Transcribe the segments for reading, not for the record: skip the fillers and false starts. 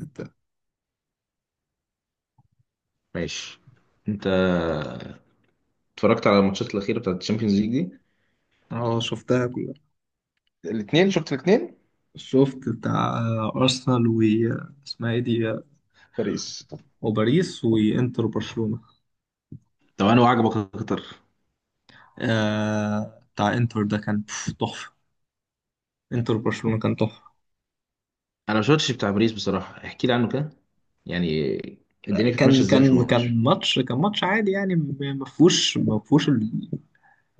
انت. ماشي. انت اتفرجت على الماتشات الاخيره بتاعت الشامبيونز ليج دي؟ اه شفتها كلها. الاثنين، شفت الاثنين. شفت بتاع ارسنال و اسمها ايه دي، باريس. وباريس وانتر برشلونة. طب انا وعجبك اكتر؟ آه، بتاع انتر ده كان تحفة. انتر برشلونة كان تحفة. انا ما شفتش بتاع باريس بصراحه، احكي لي عنه كده. يعني الدنيا كانت ماشيه كان ازاي في كان الماتش؟ كان ماتش، كان ماتش عادي يعني، ما فيهوش ال...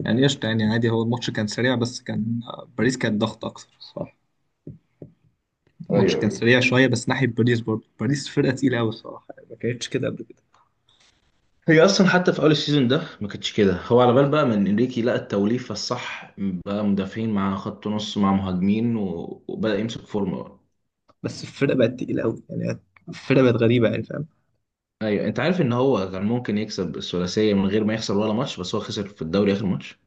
يعني قشطة يعني عادي، هو الماتش كان سريع بس كان باريس كان ضغط اكتر، صح. الماتش ايوه كان ايوه. سريع شوية بس ناحية باريس، برضه باريس فرقة تقيلة قوي الصراحة، ما كانتش كده قبل كده. هي اصلا حتى في اول السيزون ده ما كانتش كده، هو على بال بقى من انريكي لقى التوليفه الصح بقى مدافعين مع خط نص مع مهاجمين و- وبدا يمسك فورمه بقى. بس الفرقة بقت تقيلة قوي يعني. الفرقة بقت غريبة يعني، فاهم. ايوه انت عارف ان هو كان ممكن يكسب الثلاثيه من غير ما يخسر ولا ماتش، بس هو خسر في الدوري اخر ماتش.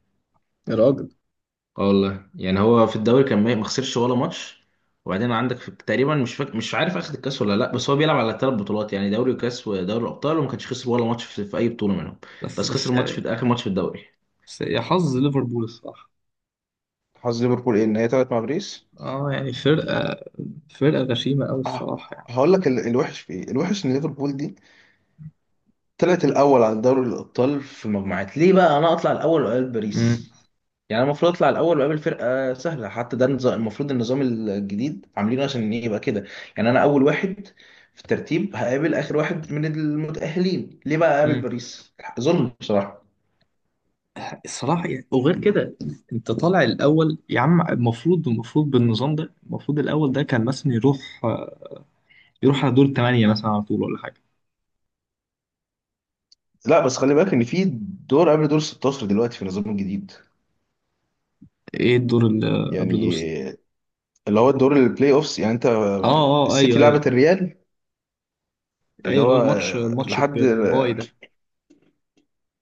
يا راجل. اه والله، يعني هو في الدوري كان ما خسرش ولا ماتش. وبعدين عندك في تقريبا مش عارف اخد الكاس ولا لا، بس هو بيلعب على ثلاث بطولات يعني دوري وكاس ودوري الابطال، وما كانش خسر ولا ماتش في اي بطوله منهم. بس بس بس خسر ماتش في اخر ماتش في الدوري. بس يا حظ ليفربول الصراحة. حظ ليفربول ايه ان هي طلعت مع باريس؟ اه يعني، فرقة غشيمة أوي اه. الصراحة يعني. هقول لك الوحش في ايه. الوحش ان ليفربول دي طلعت الاول على دوري الابطال في المجموعات، ليه بقى انا اطلع الاول وقال باريس؟ امم يعني أنا المفروض اطلع الاول واقابل فرقه سهله، حتى ده النظام المفروض، النظام الجديد عاملينه عشان يبقى كده. يعني انا اول واحد في الترتيب هقابل اخر واحد من المتاهلين، ليه بقى اقابل امم باريس؟ ظلم بصراحه. الصراحة يعني، وغير كده أنت طالع الأول يا عم، المفروض بالنظام ده، المفروض الأول ده كان مثلا يروح، يروح على دور الثمانية مثلا على طول ولا حاجة. لا بس خلي بالك ان في دور قبل دور 16 دلوقتي في النظام الجديد. إيه الدور اللي قبل دور يعني الستة؟ اللي هو الدور البلاي اوفس، يعني انت اه اه اه، السيتي أيوه لعبت أيوه. الريال، اللي أيوه اللي هو هو الماتش، لحد، بالباي ده.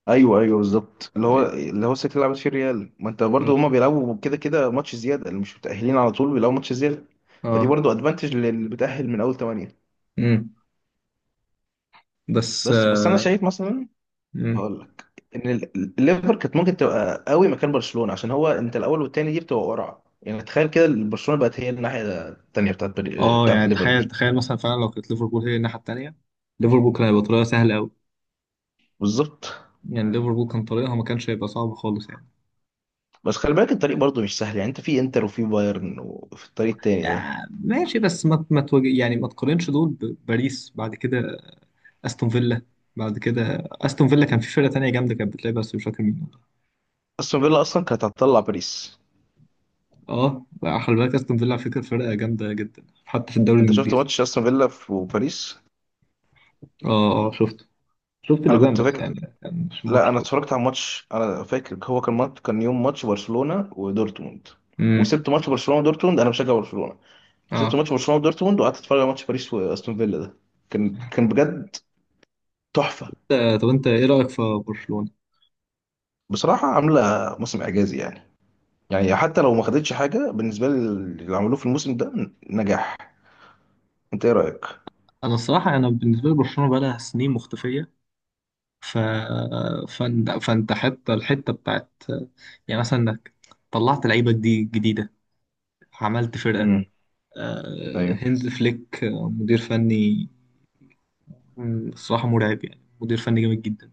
ايوه ايوه بالظبط، اللي هو أيوه. اللي هو السكه اللي لعبت فيه الريال. ما انت اه. برضه هما بيلعبوا كده كده ماتش زياده، اللي مش متاهلين على طول بيلعبوا ماتش زياده. فدي اه. برضه ادفانتج للي بتاهل من اول ثمانيه. امم. بس بس انا شايف مثلا، مم. هقول لك، ان الليفر كانت ممكن تبقى قوي مكان برشلونه، عشان هو انت الاول والتاني دي بتبقى قرعه. يعني تخيل كده برشلونه بقت هي الناحيه التانيه بتاعت اه بتاعت يعني، الليفر تخيل دي. تخيل مثلا فعلا لو كانت ليفربول هي الناحيه التانيه، ليفربول كان هيبقى طريقها سهل قوي. بالظبط. يعني ليفربول كان طريقها ما كانش هيبقى صعب خالص يعني. بس خلي بالك الطريق برضه مش سهل، يعني انت في انتر وفي بايرن وفي الطريق التاني ده. آه ماشي، بس ما ما تواجه، يعني ما تقارنش دول بباريس بعد كده. استون فيلا. بعد كده استون فيلا، كان في فرقه تانيه جامده كانت بتلعب بس مش فاكر مين. استون فيلا اصلا كانت هتطلع باريس. اه بقى خلي بالك، استون فيلا على فكره فرقه جامده جدا حتى في الدوري انت شفت الانجليزي. ماتش استون فيلا في- وباريس؟ اه اه شفت. شفت انا الاجوان كنت بس فاكر، يعني، كان مش لا الماتش انا كله. اتفرجت على ماتش، انا فاكر هو كان ماتش، كان يوم ماتش برشلونة ودورتموند، امم. وسبت ماتش برشلونة ودورتموند، انا بشجع برشلونة وسبت اه. ماتش برشلونة ودورتموند وقعدت اتفرج على ماتش باريس واستون فيلا ده. كان بجد تحفة. آه، طب انت ايه رايك في برشلونه؟ بصراحة عاملة موسم اعجازي يعني. يعني حتى لو ما خدتش حاجة بالنسبة لي اللي عملوه في الموسم ده نجاح. انت ايه رأيك؟ انا الصراحه، انا بالنسبه لي برشلونه بقى لها سنين مختفيه. ف فانت حتى الحته بتاعت، يعني مثلا انك طلعت لعيبه دي جديده، عملت فرقه. امم. ايوه. هانز فليك، مدير فني. الصراحه مرعب يعني، مدير فني جامد جدا.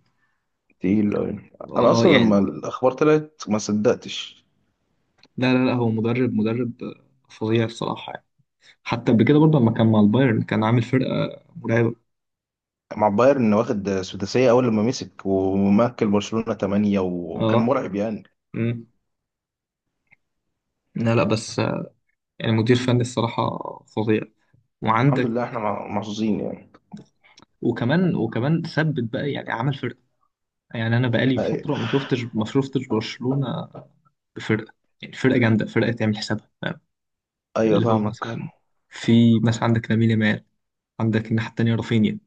تقيل أوي. انا اه اصلا لما يعني، الاخبار طلعت ما صدقتش. لا لا لا هو مدرب فظيع الصراحه يعني. حتى قبل كده برضه لما كان مع البايرن كان عامل فرقه مرعبه. مع بايرن واخد سداسية أول لما مسك، ومكل برشلونة تمانية، وكان اه. مرعب يعني. مم. لا لا بس يعني مدير فني الصراحه فظيع. الحمد وعندك لله احنا محظوظين يعني. وكمان ثبت بقى يعني، عمل فرقه. يعني انا بقالي أي- فتره ما شفتش برشلونه بفرقه، يعني فرقه جامده، فرقه تعمل حسابها، فاهم. أيوة اللي هو فاهمك. مثلا، في مثلا عندك لامين يامال، عندك الناحيه التانيه رافينيا،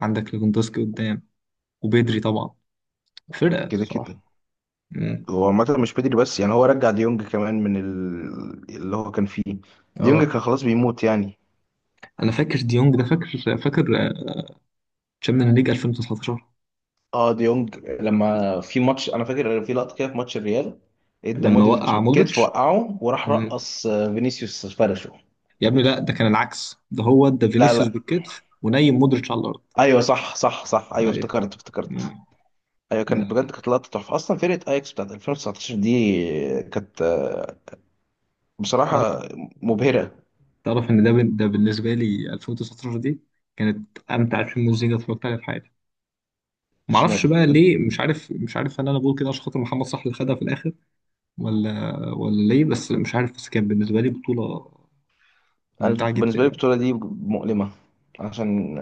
عندك ليفاندوسكي قدام، وبيدري طبعا. فرقه كده الصراحه. كده مم. هو عامة مش بدري، بس يعني هو رجع ديونج كمان من اللي هو كان فيه. ديونج اه كان خلاص بيموت يعني. انا فاكر ديونج ده، فاكر فاكر. تشامبيونز ليج 2019. اه ديونج، لما في ماتش أنا فاكر في لقطة كده، في ماتش الريال ادى لما مودريتش وقع بالكتف مودريتش. وقعه، وراح مم. رقص فينيسيوس فرشه. يا ابني لا، ده كان العكس، ده هو ده لا فينيسيوس لا، بالكتف ونايم مودريتش على الارض. ايوه صح صح صح، ايوه ايوه. افتكرت مم. افتكرت. ايوه كانت بجد كانت لقطه تحفه. اصلا فرقه اياكس بتاعت 2019 دي كانت ده بصراحه مبهره. تعرف ان ده ده بالنسبه لي 2019 دي كانت امتع فيلم مزيكا اتفرجت عليها في حياتي. ما اعرفش اشمعنى؟ بقى ليه، مش عارف، مش عارف هل انا بقول كده عشان خاطر محمد صلاح اللي خدها في الاخر. ولا ليه، بس مش عارف، بس كانت بالنسبه لي بطوله انا ممتعه جدا بالنسبه لي يعني. البطوله دي مؤلمه، عشان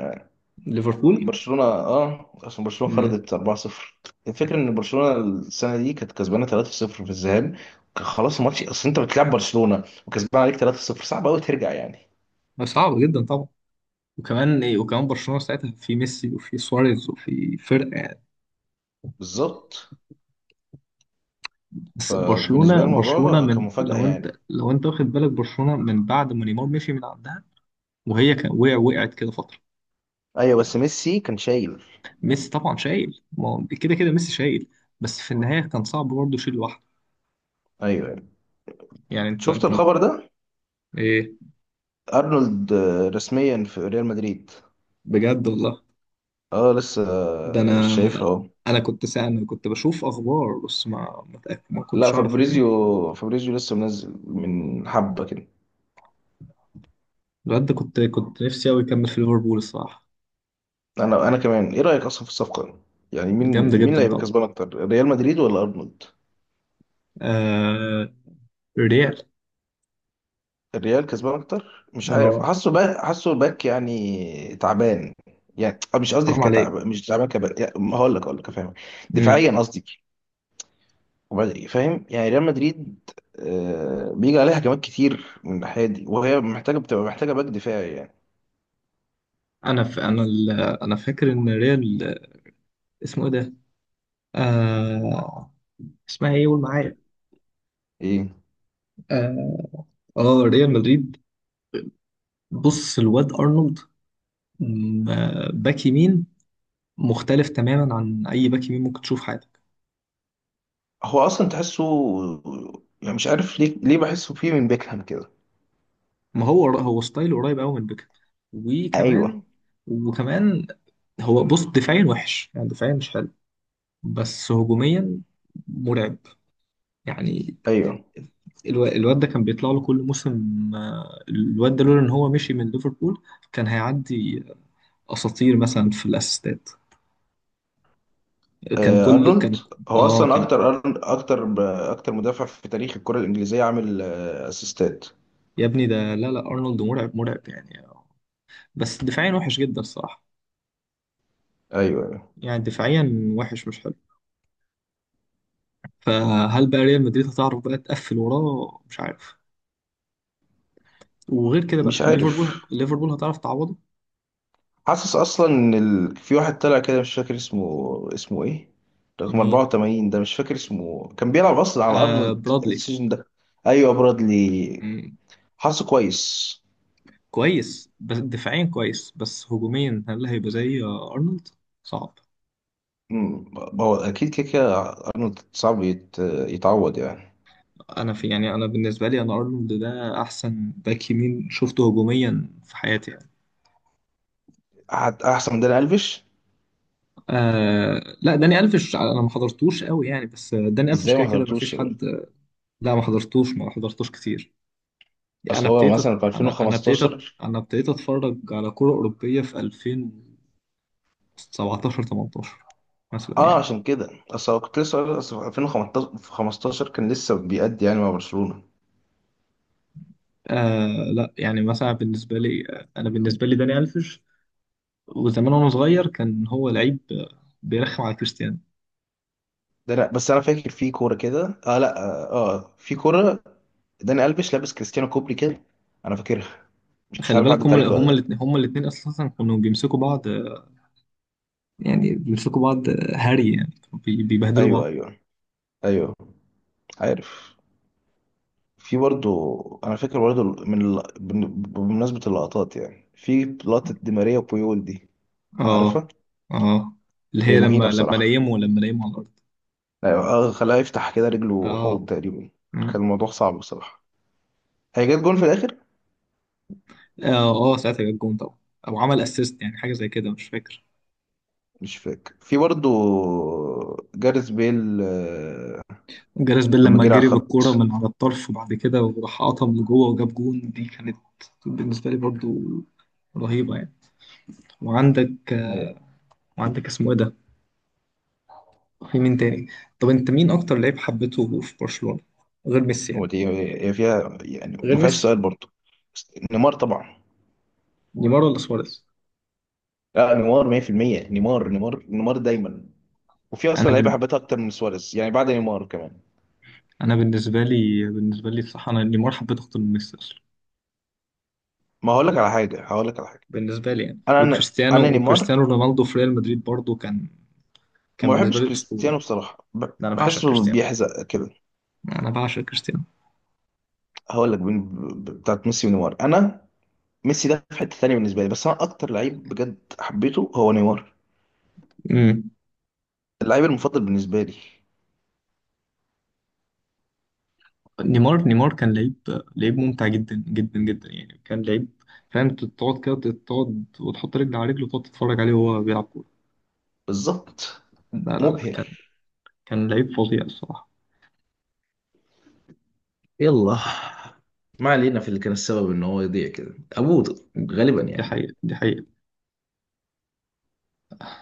ليفربول. برشلونه، اه عشان برشلونه امم. خرجت 4-0. الفكره ان برشلونه السنه دي كانت كسبانه 3-0 في الذهاب. كان خلاص الماتش، اصل انت بتلعب برشلونه وكسبان عليك 3-0 صعب قوي ترجع يعني. صعبه جدا طبعا. وكمان ايه، وكمان برشلونه ساعتها في ميسي وفي سواريز وفي فرقه يعني. بالظبط. بس فبالنسبه لي برشلونه الموضوع كان من، مفاجاه لو انت يعني. لو انت واخد بالك برشلونه من بعد ما نيمار مشي من عندها. وهي كان وقع، وقعت كده فتره. ايوه بس ميسي كان شايل. ميسي طبعا شايل، ما هو كده كده ميسي شايل، بس في النهاية كان صعب برضه يشيل لوحده. ايوه يعني. يعني شفت الخبر ده؟ ايه؟ ارنولد رسميا في ريال مدريد. بجد والله؟ اه لسه، ده انا، شايفها اهو. انا كنت بشوف اخبار بس ما لا كنتش اعرف انه. فابريزيو، فابريزيو لسه منزل من حبه كده. الواد ده كنت نفسي قوي يكمل في ليفربول الصراحة. انا كمان، ايه رايك اصلا في الصفقه؟ يعني مين، جامدة مين اللي جدا هيبقى طبعا. كسبان اكتر ريال مدريد ولا ارنولد؟ آه... ريال. الريال كسبان اكتر. مش عارف، اه. حاسه باك، حاسه باك يعني تعبان. يعني مش قصدي حرام كتعب، عليك. مش تعبان كبل، يعني هقول لك، هقول لك افهمك. امم. دفاعيا قصدي. فاهم؟ يعني ريال مدريد بيجي عليها هجمات كتير من الناحيه دي، وهي محتاجه، بتبقى محتاجه باك دفاعي يعني. انا ف... انا ال... انا فاكر ان ريال، اسمه ايه ده، آه... اسمها ايه قول معايا. ايه؟ اه. آه، ريال مدريد. بص الواد ارنولد، باك يمين مختلف تماما عن اي باك يمين ممكن تشوف في حياتك. هو اصلا تحسه، يعني مش عارف ليه، ليه بحسه فيه من بيكهام كده. ما هو هو ستايله قريب قوي من بيكهام. وكمان ايوه وكمان هو بص، دفاعيا وحش يعني، دفاعيا مش حلو، بس هجوميا مرعب يعني. ايوه. الواد ده كان بيطلع له كل موسم، الواد ده لولا ان هو مشي من ليفربول كان هيعدي اساطير مثلا في الاسيستات. كان كل ارنولد كان هو اه اصلا كان. اكتر اكتر مدافع في تاريخ الكره الانجليزيه عامل اسيستات. يا ابني ده، لا لا، ارنولد مرعب يعني، بس دفاعيا وحش جدا الصراحة. ايوه. يعني دفاعيا وحش مش حلو. فهل بقى ريال مدريد هتعرف بقى تقفل وراه؟ مش عارف. وغير كده بقى، مش عارف، ليفربول هتعرف تعوضه؟ حاسس اصلا ان في واحد طلع كده مش فاكر اسمه. اسمه ايه؟ رقم مين؟ 84 ده مش فاكر اسمه، كان بيلعب اصلا على آه ارنولد برادلي. السيزون ده. ايوه برادلي. مم. حاسه كويس. كويس، بس دفاعيا كويس، بس هجوميا هل هيبقى زي أرنولد؟ صعب. أمم، هو اكيد كده كده ارنولد صعب يتعوض يعني. أنا في يعني، أنا بالنسبة لي، أنا أرنولد ده أحسن باك يمين شفته هجوميا في حياتي يعني. احسن من داني الفيش؟ آه لا، داني ألفيش أنا ما حضرتوش قوي يعني، بس داني ألفيش ازاي ما كده كده ما حضرتوش فيش يا بني؟ حد. لا ما حضرتوش كتير. انا اصل هو ابتديت أت- مثلا في 2015. انا ابتديت اتفرج على كرة أوروبية في 2017، 18 مثلا اه يعني. عشان كده، اصل هو كنت لسه اصل في 2015 كان لسه بيأدي يعني مع برشلونة. آه لا يعني مثلا بالنسبة لي انا بالنسبة لي داني ألفيش. وزمان وانا صغير كان هو لعيب بيرخم على كريستيانو. ده انا، بس انا فاكر في كوره كده، اه لا اه، في كوره داني الفيش لابس كريستيانو كوبري كده، انا فاكرها، مش خلي عارف بالك، عدت هما عليك ولا هما لا. الاثنين هما الاثنين اساسا كانوا بيمسكوا بعض، يعني بيمسكوا بعض هري يعني، كانوا بيبهدلوا بعض. ايوه ايوه ايوه، عارف. في برضو، انا فاكر برضو من بمناسبه اللقطات، يعني في لقطه دي ماريا وبويول دي، اه عارفها؟ اه. اللي هي هي مهينه لما، بصراحه. لما نيموا على الارض. أيوة، اه خلاها يفتح كده رجله حوض تقريبا. اه. كان الموضوع صعب بصراحه. هي جت جون في الاخر. اه. آه، ساعتها جاب جون طبعا، او عمل اسيست، يعني حاجه زي كده مش فاكر. مش فاكر في برضو جاريث بيل جاريث بيل لما لما جرى على جري بالكوره الخط. من على الطرف وبعد كده وراح قطم لجوه وجاب جون، دي كانت بالنسبه لي برضو رهيبه يعني. وعندك وعندك اسمه ايه ده، في مين تاني؟ طب انت مين اكتر لعيب حبيته في برشلونه غير ميسي يعني؟ ودي هي فيها يعني غير ما فيهاش ميسي. سؤال برضه، بس نيمار طبعا. نيمار ولا سواريز؟ لا نيمار 100%. نيمار نيمار نيمار دايما. وفي انا اصلا لعيبه بن... حبيتها اكتر من سواريز يعني بعد نيمار كمان. انا بالنسبه لي، بصراحه انا نيمار حبيته اكتر من ميسي اصلا. ما هقول لك على حاجه، هقول لك على حاجه. بالنسبه لي يعني، انا أنا وكريستيانو نيمار. وكريستيانو رونالدو في ريال مدريد برضو كان، كان ما بالنسبه بحبش لي اسطوره. كريستيانو بصراحه، ده انا بعشق بحسه كريستيانو، بيحزق كده. انا بعشق كريستيانو. هقول لك بتاعت ميسي ونيمار انا. ميسي ده في حته ثانيه بالنسبه لي، بس انا اكتر لعيب بجد حبيته هو نيمار. امم. اللعيب المفضل بالنسبه لي. نيمار كان لعيب، لعيب ممتع جدا جدا جدا يعني، كان لعيب فاهم؟ تقعد كده، تقعد وتحط رجل على رجل وتقعد تتفرج عليه وهو بيلعب كوره. بالظبط. لا لا لا مبهر. كان، كان لعيب فظيع الصراحه. يلا. ما علينا. في اللي كان السبب ان هو يضيع كده ابوه غالبا دي يعني. حقيقه، دي حقيقه.